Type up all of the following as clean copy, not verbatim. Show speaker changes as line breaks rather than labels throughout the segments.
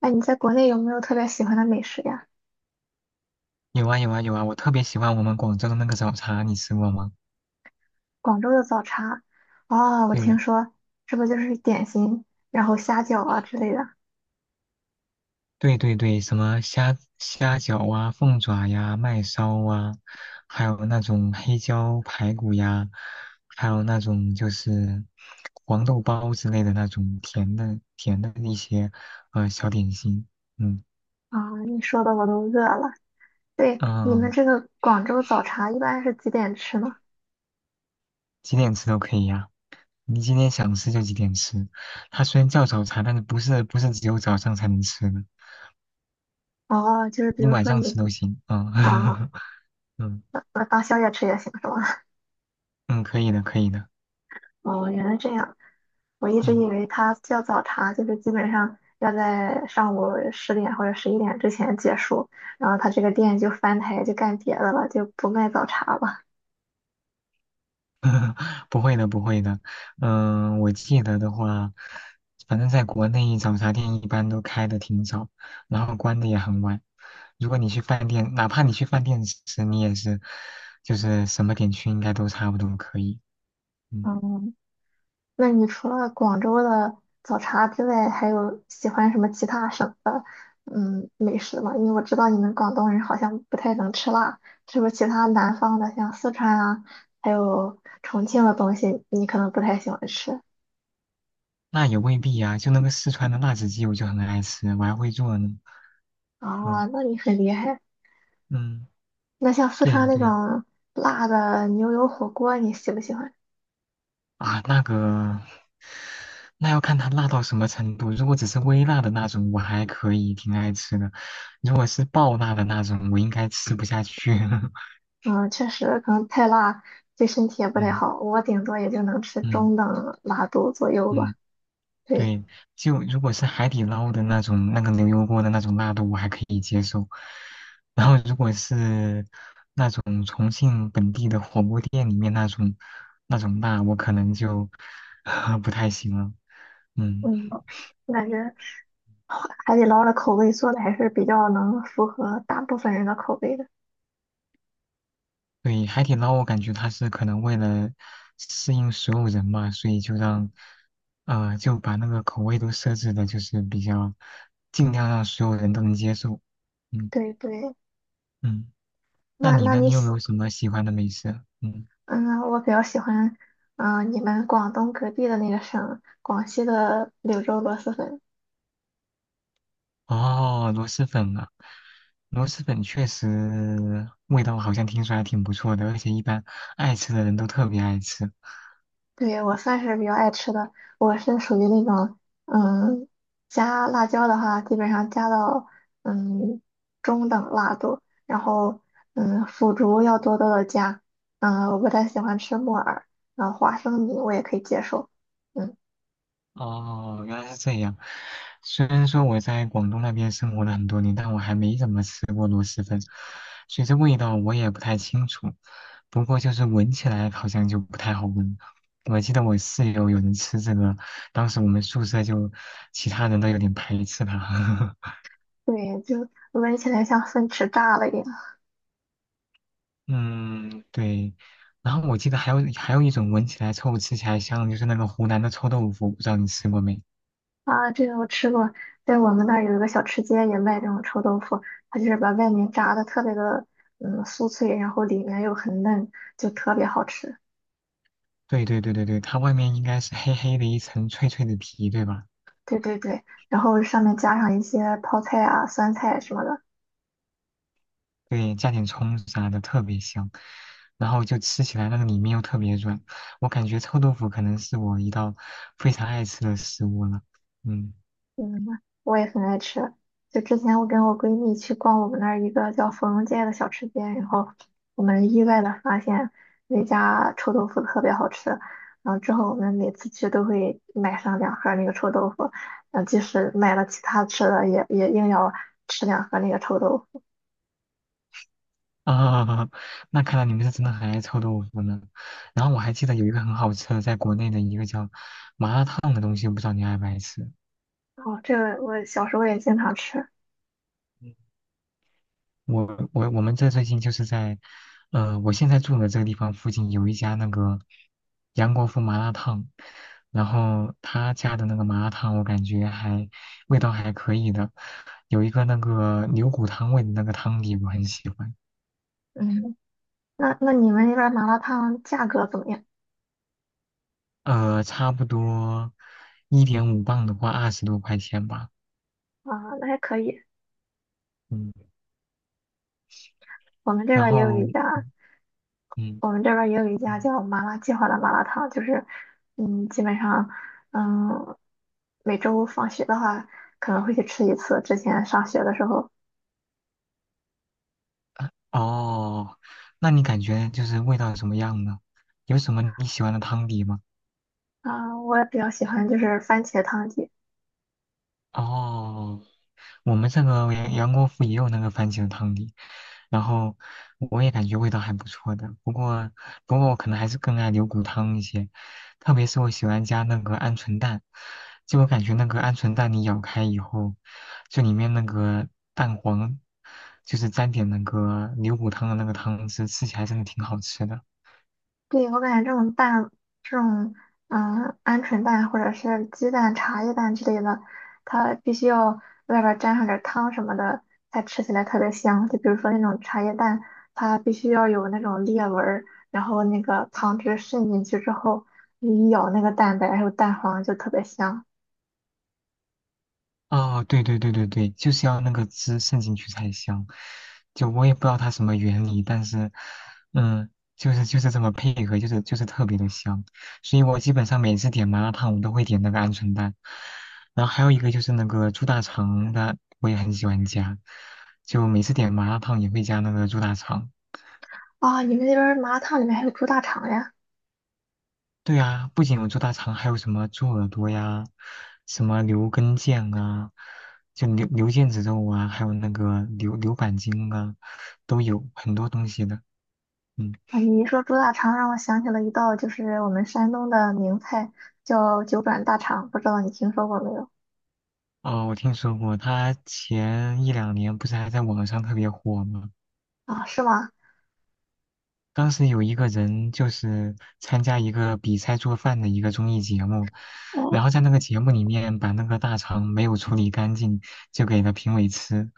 哎，你在国内有没有特别喜欢的美食呀？
有啊有啊有啊，我特别喜欢我们广州的那个早茶，你吃过吗？
广州的早茶，哦，我
对
听
了，
说是不是就是点心，然后虾饺啊之类的
对对对，什么虾饺啊、凤爪呀、麦烧啊，还有那种黑椒排骨呀，还有那种就是黄豆包之类的那种甜的一些小点心。嗯。
啊？你说的我都饿了。对，你们
嗯，
这个广州早茶一般是几点吃呢？
几点吃都可以呀、你今天想吃就几点吃。它虽然叫早茶，但是不是只有早上才能吃的，
哦，就是比
你
如
晚
说
上
你
吃都行。
啊，
嗯。 嗯。
当宵夜吃也行是吗？
嗯，可以的，可以的。
哦，原来这样，我一直以
嗯。
为它叫早茶，就是基本上要在上午10点或者11点之前结束，然后它这个店就翻台就干别的了，就不卖早茶了。
不会的，不会的，我记得的话，反正在国内早茶店一般都开的挺早，然后关的也很晚。如果你去饭店，哪怕你去饭店吃，你也是，就是什么点去应该都差不多可以。嗯。
嗯。那你除了广州的早茶之外，还有喜欢什么其他省的美食吗？因为我知道你们广东人好像不太能吃辣，是不是其他南方的像四川啊，还有重庆的东西，你可能不太喜欢吃
那也未必呀、就那个四川的辣子鸡，我就很爱吃，我还会做呢。嗯。
啊？那你很厉害。
嗯，
那像四
对
川
呀、
那
对呀、
种辣的牛油火锅，你喜不喜欢？
啊，那个。那要看它辣到什么程度。如果只是微辣的那种，我还可以，挺爱吃的。如果是爆辣的那种，我应该吃不下去。
嗯，确实可能太辣对身体也不太
嗯。
好，我顶多也就能吃
嗯。
中等辣度左右吧。
嗯，
对，
对，就如果是海底捞的那种，那个牛油锅的那种辣度，我还可以接受。然后如果是那种重庆本地的火锅店里面那种辣，我可能就 不太行了。嗯。
嗯，我感觉，海底捞的口味做的还是比较能符合大部分人的口味的。
对，海底捞我感觉它是可能为了适应所有人嘛，所以就让，就把那个口味都设置的，就是比较尽量让所有人都能接受。嗯。
对对，
嗯，那
那
你
那
呢？
你
你有没
喜，
有什么喜欢的美食？嗯。
嗯，我比较喜欢，你们广东隔壁的那个省，广西的柳州螺蛳粉。
哦，螺蛳粉啊，螺蛳粉确实味道好像听说还挺不错的，而且一般爱吃的人都特别爱吃。
对，我算是比较爱吃的，我是属于那种，嗯，加辣椒的话，基本上加到嗯中等辣度，然后腐竹要多多的加，我不太喜欢吃木耳，然后花生米我也可以接受。嗯。
哦，原来是这样。虽然说我在广东那边生活了很多年，但我还没怎么吃过螺蛳粉，所以这味道我也不太清楚。不过就是闻起来好像就不太好闻。我记得我室友有人吃这个，当时我们宿舍就其他人都有点排斥它。
对，就闻起来像粪池炸了一样
嗯，对。然后我记得还有一种闻起来臭、吃起来香的就是那个湖南的臭豆腐，不知道你吃过没？
啊！这个我吃过，在我们那儿有一个小吃街也卖这种臭豆腐，它就是把外面炸的特别的酥脆，然后里面又很嫩，就特别好吃。
对对对对对，它外面应该是黑黑的一层脆脆的皮，对吧？
对对对，然后上面加上一些泡菜啊、酸菜什么的，
对，加点葱啥的特别香，然后就吃起来那个里面又特别软，我感觉臭豆腐可能是我一道非常爱吃的食物了。嗯。
嗯，我也很爱吃。就之前我跟我闺蜜去逛我们那儿一个叫芙蓉街的小吃街，然后我们意外的发现那家臭豆腐特别好吃。然后之后我们每次去都会买上两盒那个臭豆腐，即使买了其他吃的也硬要吃两盒那个臭豆腐。
啊，那看来你们是真的很爱臭豆腐呢。然后我还记得有一个很好吃的，在国内的一个叫麻辣烫的东西，我不知道你爱不爱吃。
哦，这个我小时候也经常吃。
我我们这最近就是在，我现在住的这个地方附近有一家那个杨国福麻辣烫，然后他家的那个麻辣烫我感觉还味道还可以的，有一个那个牛骨汤味的那个汤底我很喜欢。
嗯，那你们那边麻辣烫价格怎么样？
呃，差不多1.5磅的话20多块钱吧。
啊，那还可以，
嗯，
我们这
然
边也有
后。
一家。
嗯。
我们这边儿也有一家
嗯。
叫麻辣计划的麻辣烫，就是，基本上，嗯，每周放学的话可能会去吃一次。之前上学的时候，
哦，那你感觉就是味道怎么样呢？有什么你喜欢的汤底吗？
啊、我也比较喜欢就是番茄汤底，
哦，我们这个杨国福也有那个番茄汤底，然后我也感觉味道还不错的。不过，不过我可能还是更爱牛骨汤一些，特别是我喜欢加那个鹌鹑蛋，就我感觉那个鹌鹑蛋你咬开以后，就里面那个蛋黄，就是沾点那个牛骨汤的那个汤汁，吃起来真的挺好吃的。
对，我感觉这种蛋，这种鹌鹑蛋或者是鸡蛋、茶叶蛋之类的，它必须要外边儿沾上点儿汤什么的，才吃起来特别香。就比如说那种茶叶蛋，它必须要有那种裂纹儿，然后那个汤汁渗进去之后，你一咬那个蛋白还有蛋黄就特别香。
哦，对对对对对，就是要那个汁渗进去才香。就我也不知道它什么原理，但是，嗯，就是这么配合，就是特别的香。所以我基本上每次点麻辣烫，我都会点那个鹌鹑蛋。然后还有一个就是那个猪大肠的，我也很喜欢加。就每次点麻辣烫也会加那个猪大肠。
啊、你们那边儿麻辣烫里面还有猪大肠呀？
对啊，不仅有猪大肠，还有什么猪耳朵呀，什么牛根腱啊，就牛腱子肉啊，还有那个牛板筋啊，都有很多东西的。嗯。
啊，你一说猪大肠，让我想起了一道就是我们山东的名菜，叫九转大肠，不知道你听说过没有？
哦，我听说过，他前1~2年不是还在网上特别火吗？
啊，是吗？
当时有一个人就是参加一个比赛做饭的一个综艺节目，
哦，
然后在那个节目里面把那个大肠没有处理干净，就给了评委吃，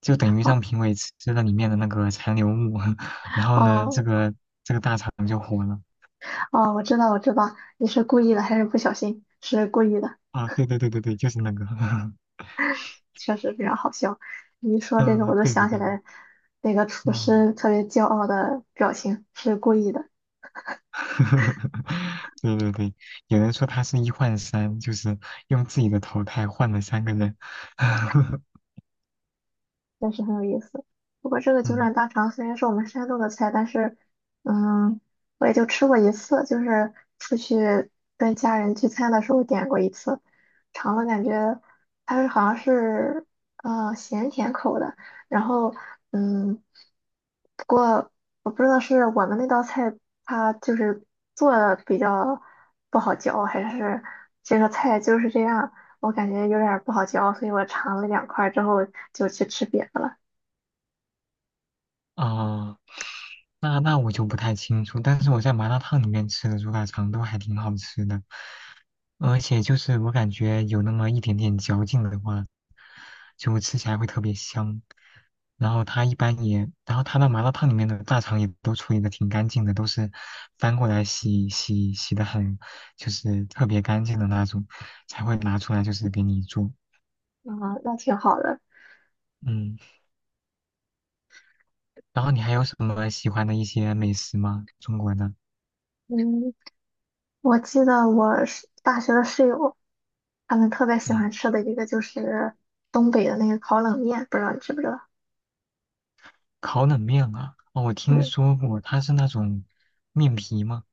就等于
哦
让评委吃了里面的那个残留物。然后呢，这
哦，
个肠就火了。
哦，我知道，我知道，你是故意的还是不小心？是故意的，
啊，对对对对对，就是那个。
确实非常好笑。你一说这个，我
嗯，
就
对对
想起
对。
来那个厨
嗯。
师特别骄傲的表情，是故意的。
对对对，有人说他是1换3，就是用自己的投胎换了3个人。
真是很有意思。不过这个九
嗯。
转大肠虽然是我们山东的菜，但是，嗯，我也就吃过一次，就是出去跟家人聚餐的时候点过一次，尝了感觉它是好像是咸甜口的，然后嗯，不过我不知道是我们那道菜它就是做的比较不好嚼，还是这个菜就是这样，我感觉有点儿不好嚼，所以我尝了2块儿之后就去吃别的了。
啊。那那我就不太清楚，但是我在麻辣烫里面吃的猪大肠都还挺好吃的，而且就是我感觉有那么一点点嚼劲的话，就吃起来会特别香。然后它一般也，然后它那麻辣烫里面的大肠也都处理的挺干净的，都是翻过来洗的很，就是特别干净的那种，才会拿出来就是给你做。
啊，那挺好的。
嗯，然后你还有什么喜欢的一些美食吗？中国的？
嗯，我记得我是大学的室友，他们特别喜
嗯。
欢吃的一个就是东北的那个烤冷面，不知道你知不知道？
烤冷面啊，哦，我听
对。
说过，它是那种面皮吗？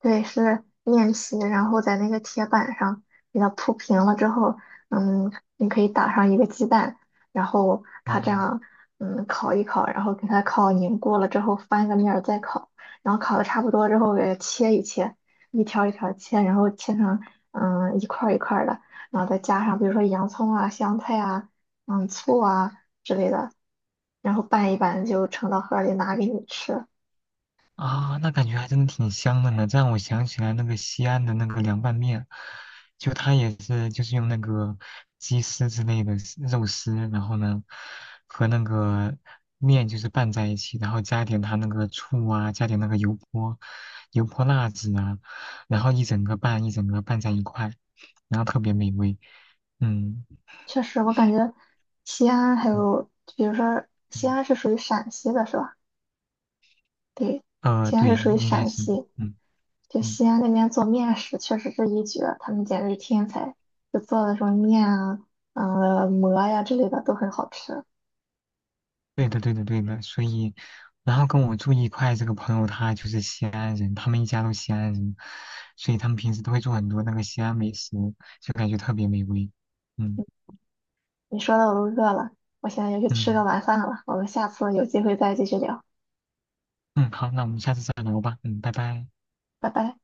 对，是面皮，然后在那个铁板上给它铺平了之后，嗯，你可以打上一个鸡蛋，然后它这
哦。
样，烤一烤，然后给它烤凝固了之后翻个面儿再烤，然后烤的差不多之后给它切一切，一条一条切，然后切成一块儿一块儿的，然后再加上比如说洋葱啊、香菜啊、醋啊之类的，然后拌一拌就盛到盒儿里拿给你吃。
啊，那感觉还真的挺香的呢。这让我想起来那个西安的那个凉拌面，就它也是就是用那个鸡丝之类的丝肉丝，然后呢和那个面就是拌在一起，然后加一点它那个醋啊，加点那个油泼辣子啊，然后一整个拌在一块，然后特别美味。嗯。
确实，我感觉西安还
嗯。
有，比如说西
嗯。
安是属于陕西的，是吧？对，西安
对，
是属于
应该
陕
是。
西，
嗯。
就
嗯，
西安那边做面食确实是一绝，他们简直是天才，就做的什么面啊、馍呀之类的都很好吃。
对的，对的，对的。所以，然后跟我住一块这个朋友，他就是西安人，他们一家都西安人，所以他们平时都会做很多那个西安美食，就感觉特别美味。嗯。
你说的我都饿了，我现在要去吃个
嗯。
晚饭了，我们下次有机会再继续聊，
嗯，好，那我们下次再聊吧。嗯，拜拜。
拜拜。